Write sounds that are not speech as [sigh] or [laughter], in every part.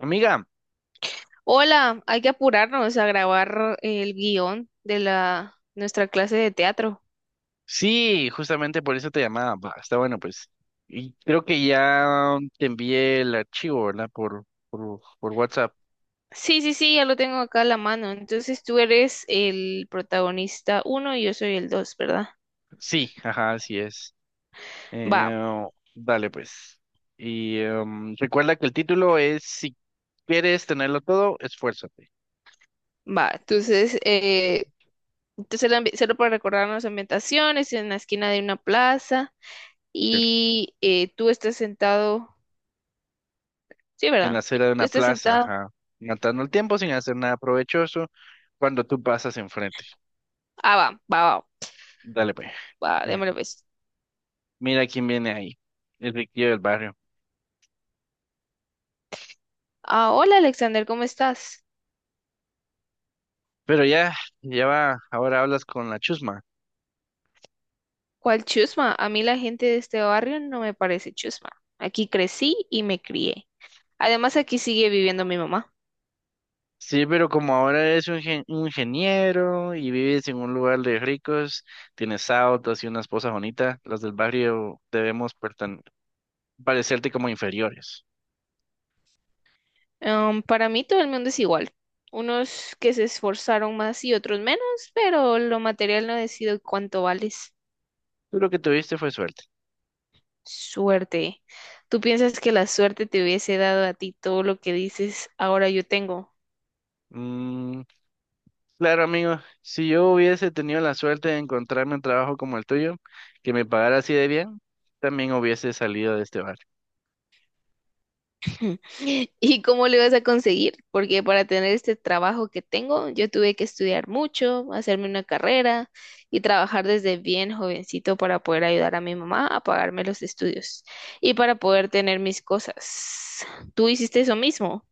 Amiga, Hola, hay que apurarnos a grabar el guión de la nuestra clase de teatro. sí, justamente por eso te llamaba. Va, está bueno, pues. Y creo que ya te envié el archivo, ¿verdad? Por WhatsApp. Sí, sí, sí, ya lo tengo acá a la mano. Entonces tú eres el protagonista uno y yo soy el dos, ¿verdad? Sí, ajá, así es. Va, Eh, Dale, pues. Y recuerda que el título es Si quieres tenerlo todo, esfuérzate. va. Entonces, solo para recordarnos ambientaciones, en la esquina de una plaza ¿Cierto? y tú estás sentado, sí, En la ¿verdad? acera de Tú una estás plaza, sentado. ajá. Matando el tiempo sin hacer nada provechoso cuando tú pasas enfrente. Ah, va, va, va, Dale, pues. va, Eh, démosle pues. Mira quién viene ahí. El riquillo del barrio. Ah, hola Alexander, ¿cómo estás? Pero ya, ya va, ahora hablas con la chusma. ¿Cuál chusma? A mí la gente de este barrio no me parece chusma. Aquí crecí y me crié. Además, aquí sigue viviendo mi mamá. Sí, pero como ahora eres un, un ingeniero y vives en un lugar de ricos, tienes autos y una esposa bonita, las del barrio debemos parecerte como inferiores. Para mí todo el mundo es igual. Unos que se esforzaron más y otros menos, pero lo material no decide cuánto vales. Tú lo que tuviste fue suerte. Suerte. ¿Tú piensas que la suerte te hubiese dado a ti todo lo que dices ahora yo tengo? Mm, claro, amigo, si yo hubiese tenido la suerte de encontrarme un trabajo como el tuyo, que me pagara así de bien, también hubiese salido de este barrio. [laughs] ¿Y cómo lo ibas a conseguir? Porque para tener este trabajo que tengo, yo tuve que estudiar mucho, hacerme una carrera y trabajar desde bien jovencito para poder ayudar a mi mamá a pagarme los estudios y para poder tener mis cosas. ¿Tú hiciste eso mismo?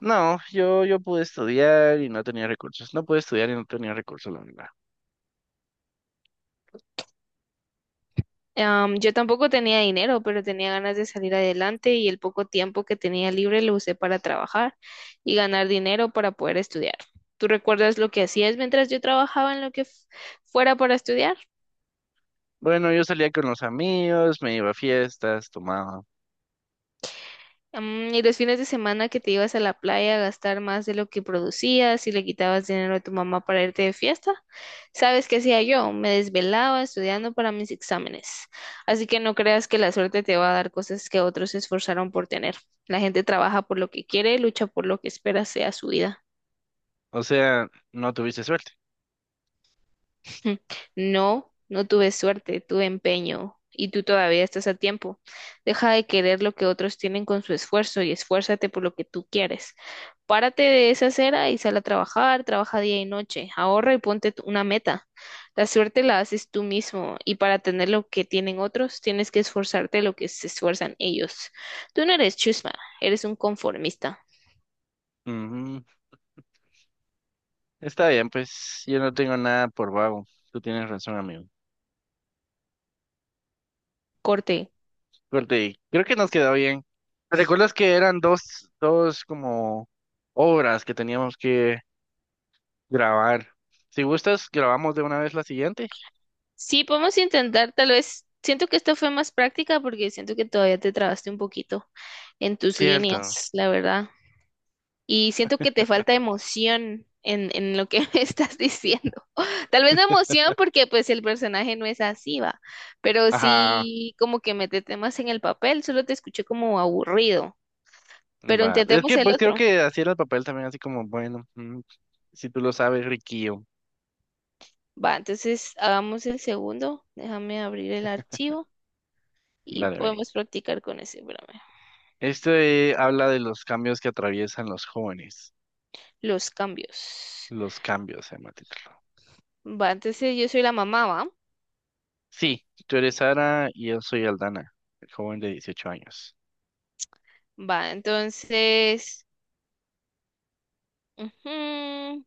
No, yo pude estudiar y no tenía recursos. No pude estudiar y no tenía recursos, la verdad. Yo tampoco tenía dinero, pero tenía ganas de salir adelante y el poco tiempo que tenía libre lo usé para trabajar y ganar dinero para poder estudiar. ¿Tú recuerdas lo que hacías mientras yo trabajaba en lo que fuera para estudiar? Bueno, yo salía con los amigos, me iba a fiestas, tomaba. Mm, y los fines de semana que te ibas a la playa a gastar más de lo que producías y le quitabas dinero a tu mamá para irte de fiesta, ¿sabes qué hacía yo? Me desvelaba estudiando para mis exámenes. Así que no creas que la suerte te va a dar cosas que otros se esforzaron por tener. La gente trabaja por lo que quiere, lucha por lo que espera sea su vida. O sea, no tuviste suerte. [laughs] No, no tuve suerte, tuve empeño. Y tú todavía estás a tiempo. Deja de querer lo que otros tienen con su esfuerzo y esfuérzate por lo que tú quieres. Párate de esa acera y sal a trabajar, trabaja día y noche, ahorra y ponte una meta. La suerte la haces tú mismo y para tener lo que tienen otros tienes que esforzarte lo que se esfuerzan ellos. Tú no eres chusma, eres un conformista. Ujú. Está bien, pues yo no tengo nada por vago. Tú tienes razón, amigo. Corte. Corte, creo que nos quedó bien. ¿Recuerdas que eran dos como obras que teníamos que grabar? Si gustas, grabamos de una vez la siguiente. Sí, podemos intentar, tal vez. Siento que esta fue más práctica porque siento que todavía te trabaste un poquito en tus Cierto. líneas, la verdad. Y siento que te falta emoción en lo que [laughs] me estás diciendo. Tal vez no emoción porque pues el personaje no es así, va, pero Ajá. sí como que mete temas en el papel, solo te escuché como aburrido, pero Va. Es intentemos que el pues creo otro, que así era el papel también, así como, bueno, si tú lo sabes, Riquillo. va, entonces hagamos el segundo, déjame abrir el archivo y Dale, ve. podemos practicar con ese, espérame, Este habla de los cambios que atraviesan los jóvenes. los cambios, Los cambios, se llama el título. va, entonces yo soy la mamá, va, Sí, tú eres Sara y yo soy Aldana, el joven de 18 años. va, entonces, ujú,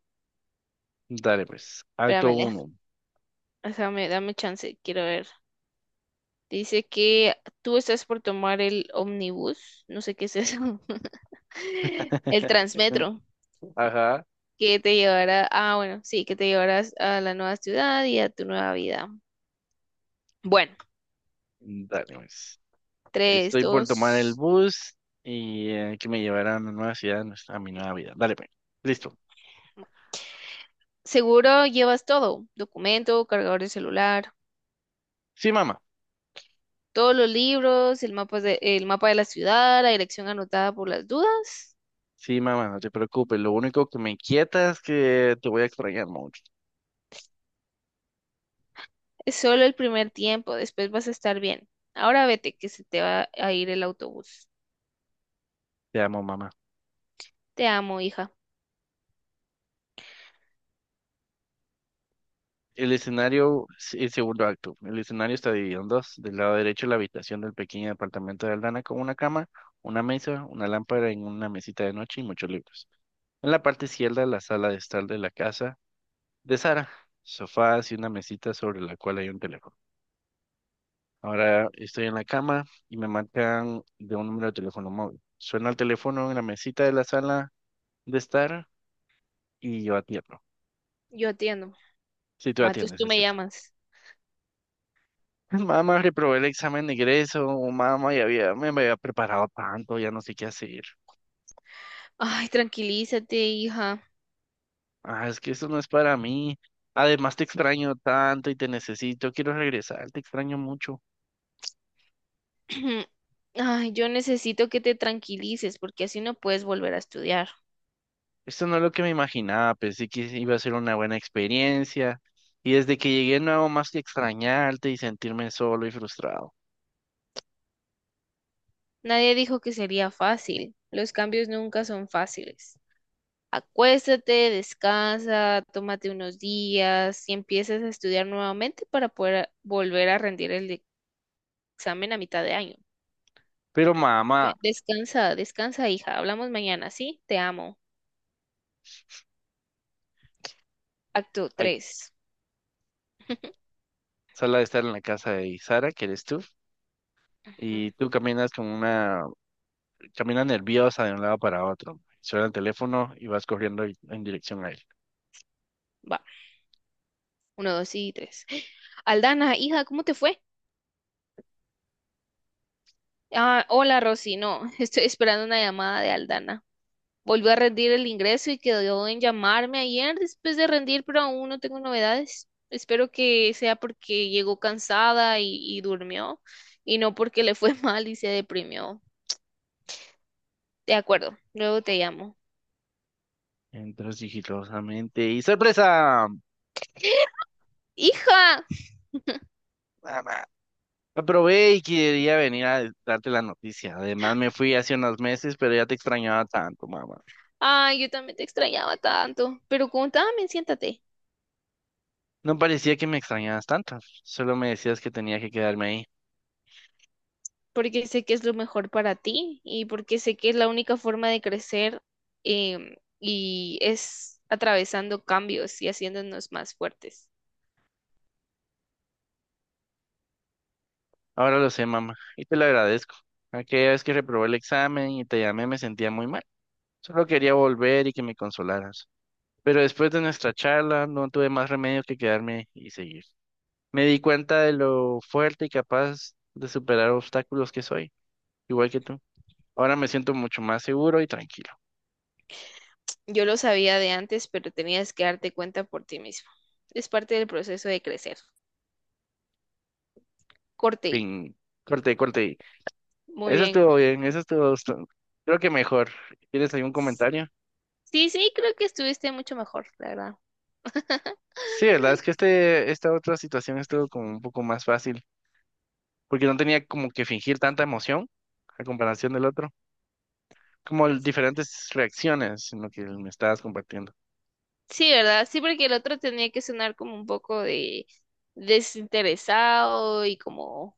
Dale, pues. Acto espérame, uno. déjame, dame chance, quiero ver. Dice que tú estás por tomar el ómnibus, no sé qué es eso. [laughs] El [laughs] Transmetro, Ajá, que te llevará, ah, bueno, sí, que te llevarás a la nueva ciudad y a tu nueva vida. Bueno, dale, pues. tres, Estoy por tomar el dos. bus y que me llevará a mi nueva ciudad, a mi nueva vida. Dale, pues. Listo. Seguro llevas todo, documento, cargador de celular, Sí, mamá. todos los libros, el mapa de la ciudad, la dirección anotada por las dudas. Sí, mamá, no te preocupes. Lo único que me inquieta es que te voy a extrañar mucho. Es solo el primer tiempo, después vas a estar bien. Ahora vete, que se te va a ir el autobús. Te amo, mamá. Te amo, hija. El escenario, el segundo acto. El escenario está dividido en dos. Del lado derecho, la habitación del pequeño apartamento de Aldana con una cama, una mesa, una lámpara en una mesita de noche y muchos libros. En la parte izquierda, la sala de estar de la casa de Sara, sofás y una mesita sobre la cual hay un teléfono. Ahora estoy en la cama y me marcan de un número de teléfono móvil. Suena el teléfono en la mesita de la sala de estar y yo atiendo. Yo atiendo. Si tú Matos, atiendes, tú es me cierto. llamas. [laughs] Mamá, reprobé el examen de ingreso, o mamá, ya había, me había preparado tanto, ya no sé qué hacer. Ay, tranquilízate, hija. Ah, es que eso no es para mí. Además, te extraño tanto y te necesito, quiero regresar, te extraño mucho. [clears throat] Ay, yo necesito que te tranquilices porque así no puedes volver a estudiar. Esto no es lo que me imaginaba, pensé que iba a ser una buena experiencia y desde que llegué no hago más que extrañarte y sentirme solo y frustrado. Nadie dijo que sería fácil. Los cambios nunca son fáciles. Acuéstate, descansa, tómate unos días y empiezas a estudiar nuevamente para poder volver a rendir el examen a mitad de año. Pero Ve, mamá, descansa, descansa, hija. Hablamos mañana, ¿sí? Te amo. Acto ay, 3. [laughs] sala de estar en la casa de Sara, que eres tú, y tú caminas como una, caminas nerviosa de un lado para otro. Suena el teléfono y vas corriendo en dirección a él. Va, uno, 2 y 3. Aldana, hija, ¿cómo te fue? Ah, hola Rosy, no, [laughs] estoy esperando una llamada de Aldana. Volvió a rendir el ingreso y quedó en llamarme ayer después de rendir, pero aún no tengo novedades. Espero que sea porque llegó cansada y durmió y no porque le fue [laughs] mal y se deprimió. De acuerdo, luego te llamo. Entras sigilosamente y ¡sorpresa! [gasps] ¡Hija! Mamá. Aprobé y quería venir a darte la noticia. Además me fui hace unos meses, pero ya te extrañaba tanto, mamá. Ay, yo también te extrañaba tanto. Pero contame, siéntate. No parecía que me extrañabas tanto, solo me decías que tenía que quedarme ahí. Porque sé que es lo mejor para ti y porque sé que es la única forma de crecer y es atravesando cambios y haciéndonos más fuertes. Ahora lo sé, mamá, y te lo agradezco. Aquella vez que reprobé el examen y te llamé me sentía muy mal. Solo quería volver y que me consolaras. Pero después de nuestra charla no tuve más remedio que quedarme y seguir. Me di cuenta de lo fuerte y capaz de superar obstáculos que soy, igual que tú. Ahora me siento mucho más seguro y tranquilo. Yo lo sabía de antes, pero tenías que darte cuenta por ti mismo. Es parte del proceso de crecer. Corte, Fin. Corte, corte. muy Eso bien. estuvo bien, eso estuvo... Creo que mejor. ¿Tienes algún comentario? Sí, sí, creo que estuviste mucho mejor, la verdad. Sí, la verdad es que esta otra situación estuvo como un poco más fácil, porque no tenía como que fingir tanta emoción a comparación del otro, como diferentes reacciones en lo que me estabas compartiendo. Sí, ¿verdad? Sí, porque el otro tenía que sonar como un poco de desinteresado y como...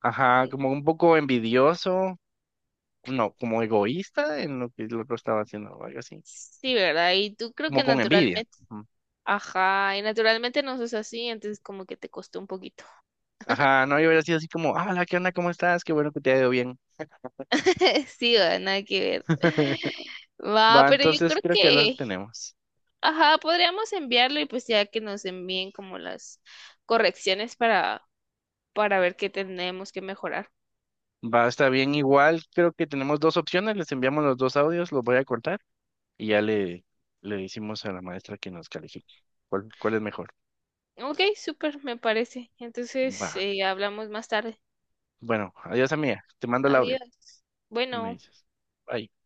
Ajá, como un poco envidioso, no, como egoísta en lo que el otro estaba haciendo o algo así, Sí, ¿verdad? Y tú creo como que con envidia. naturalmente... Ujú. Ajá, y naturalmente no sos así, entonces como que te costó un poquito. Ajá, no, yo hubiera sido así como, hola, ¿qué onda? ¿Cómo estás? Qué bueno que te ha ido bien. [laughs] Sí, va, nada que ver. [laughs] Va, Va, pero yo entonces creo creo que lo que, tenemos. ajá, podríamos enviarlo y pues ya que nos envíen como las correcciones para ver qué tenemos que mejorar. Va, está bien, igual creo que tenemos dos opciones, les enviamos los dos audios, los voy a cortar y ya le decimos a la maestra que nos califique. ¿Cuál es mejor? Ok, súper, me parece. Va. Entonces, hablamos más tarde. Bueno, adiós, amiga. Te mando el audio. Adiós. Me Bueno. dices. Bye.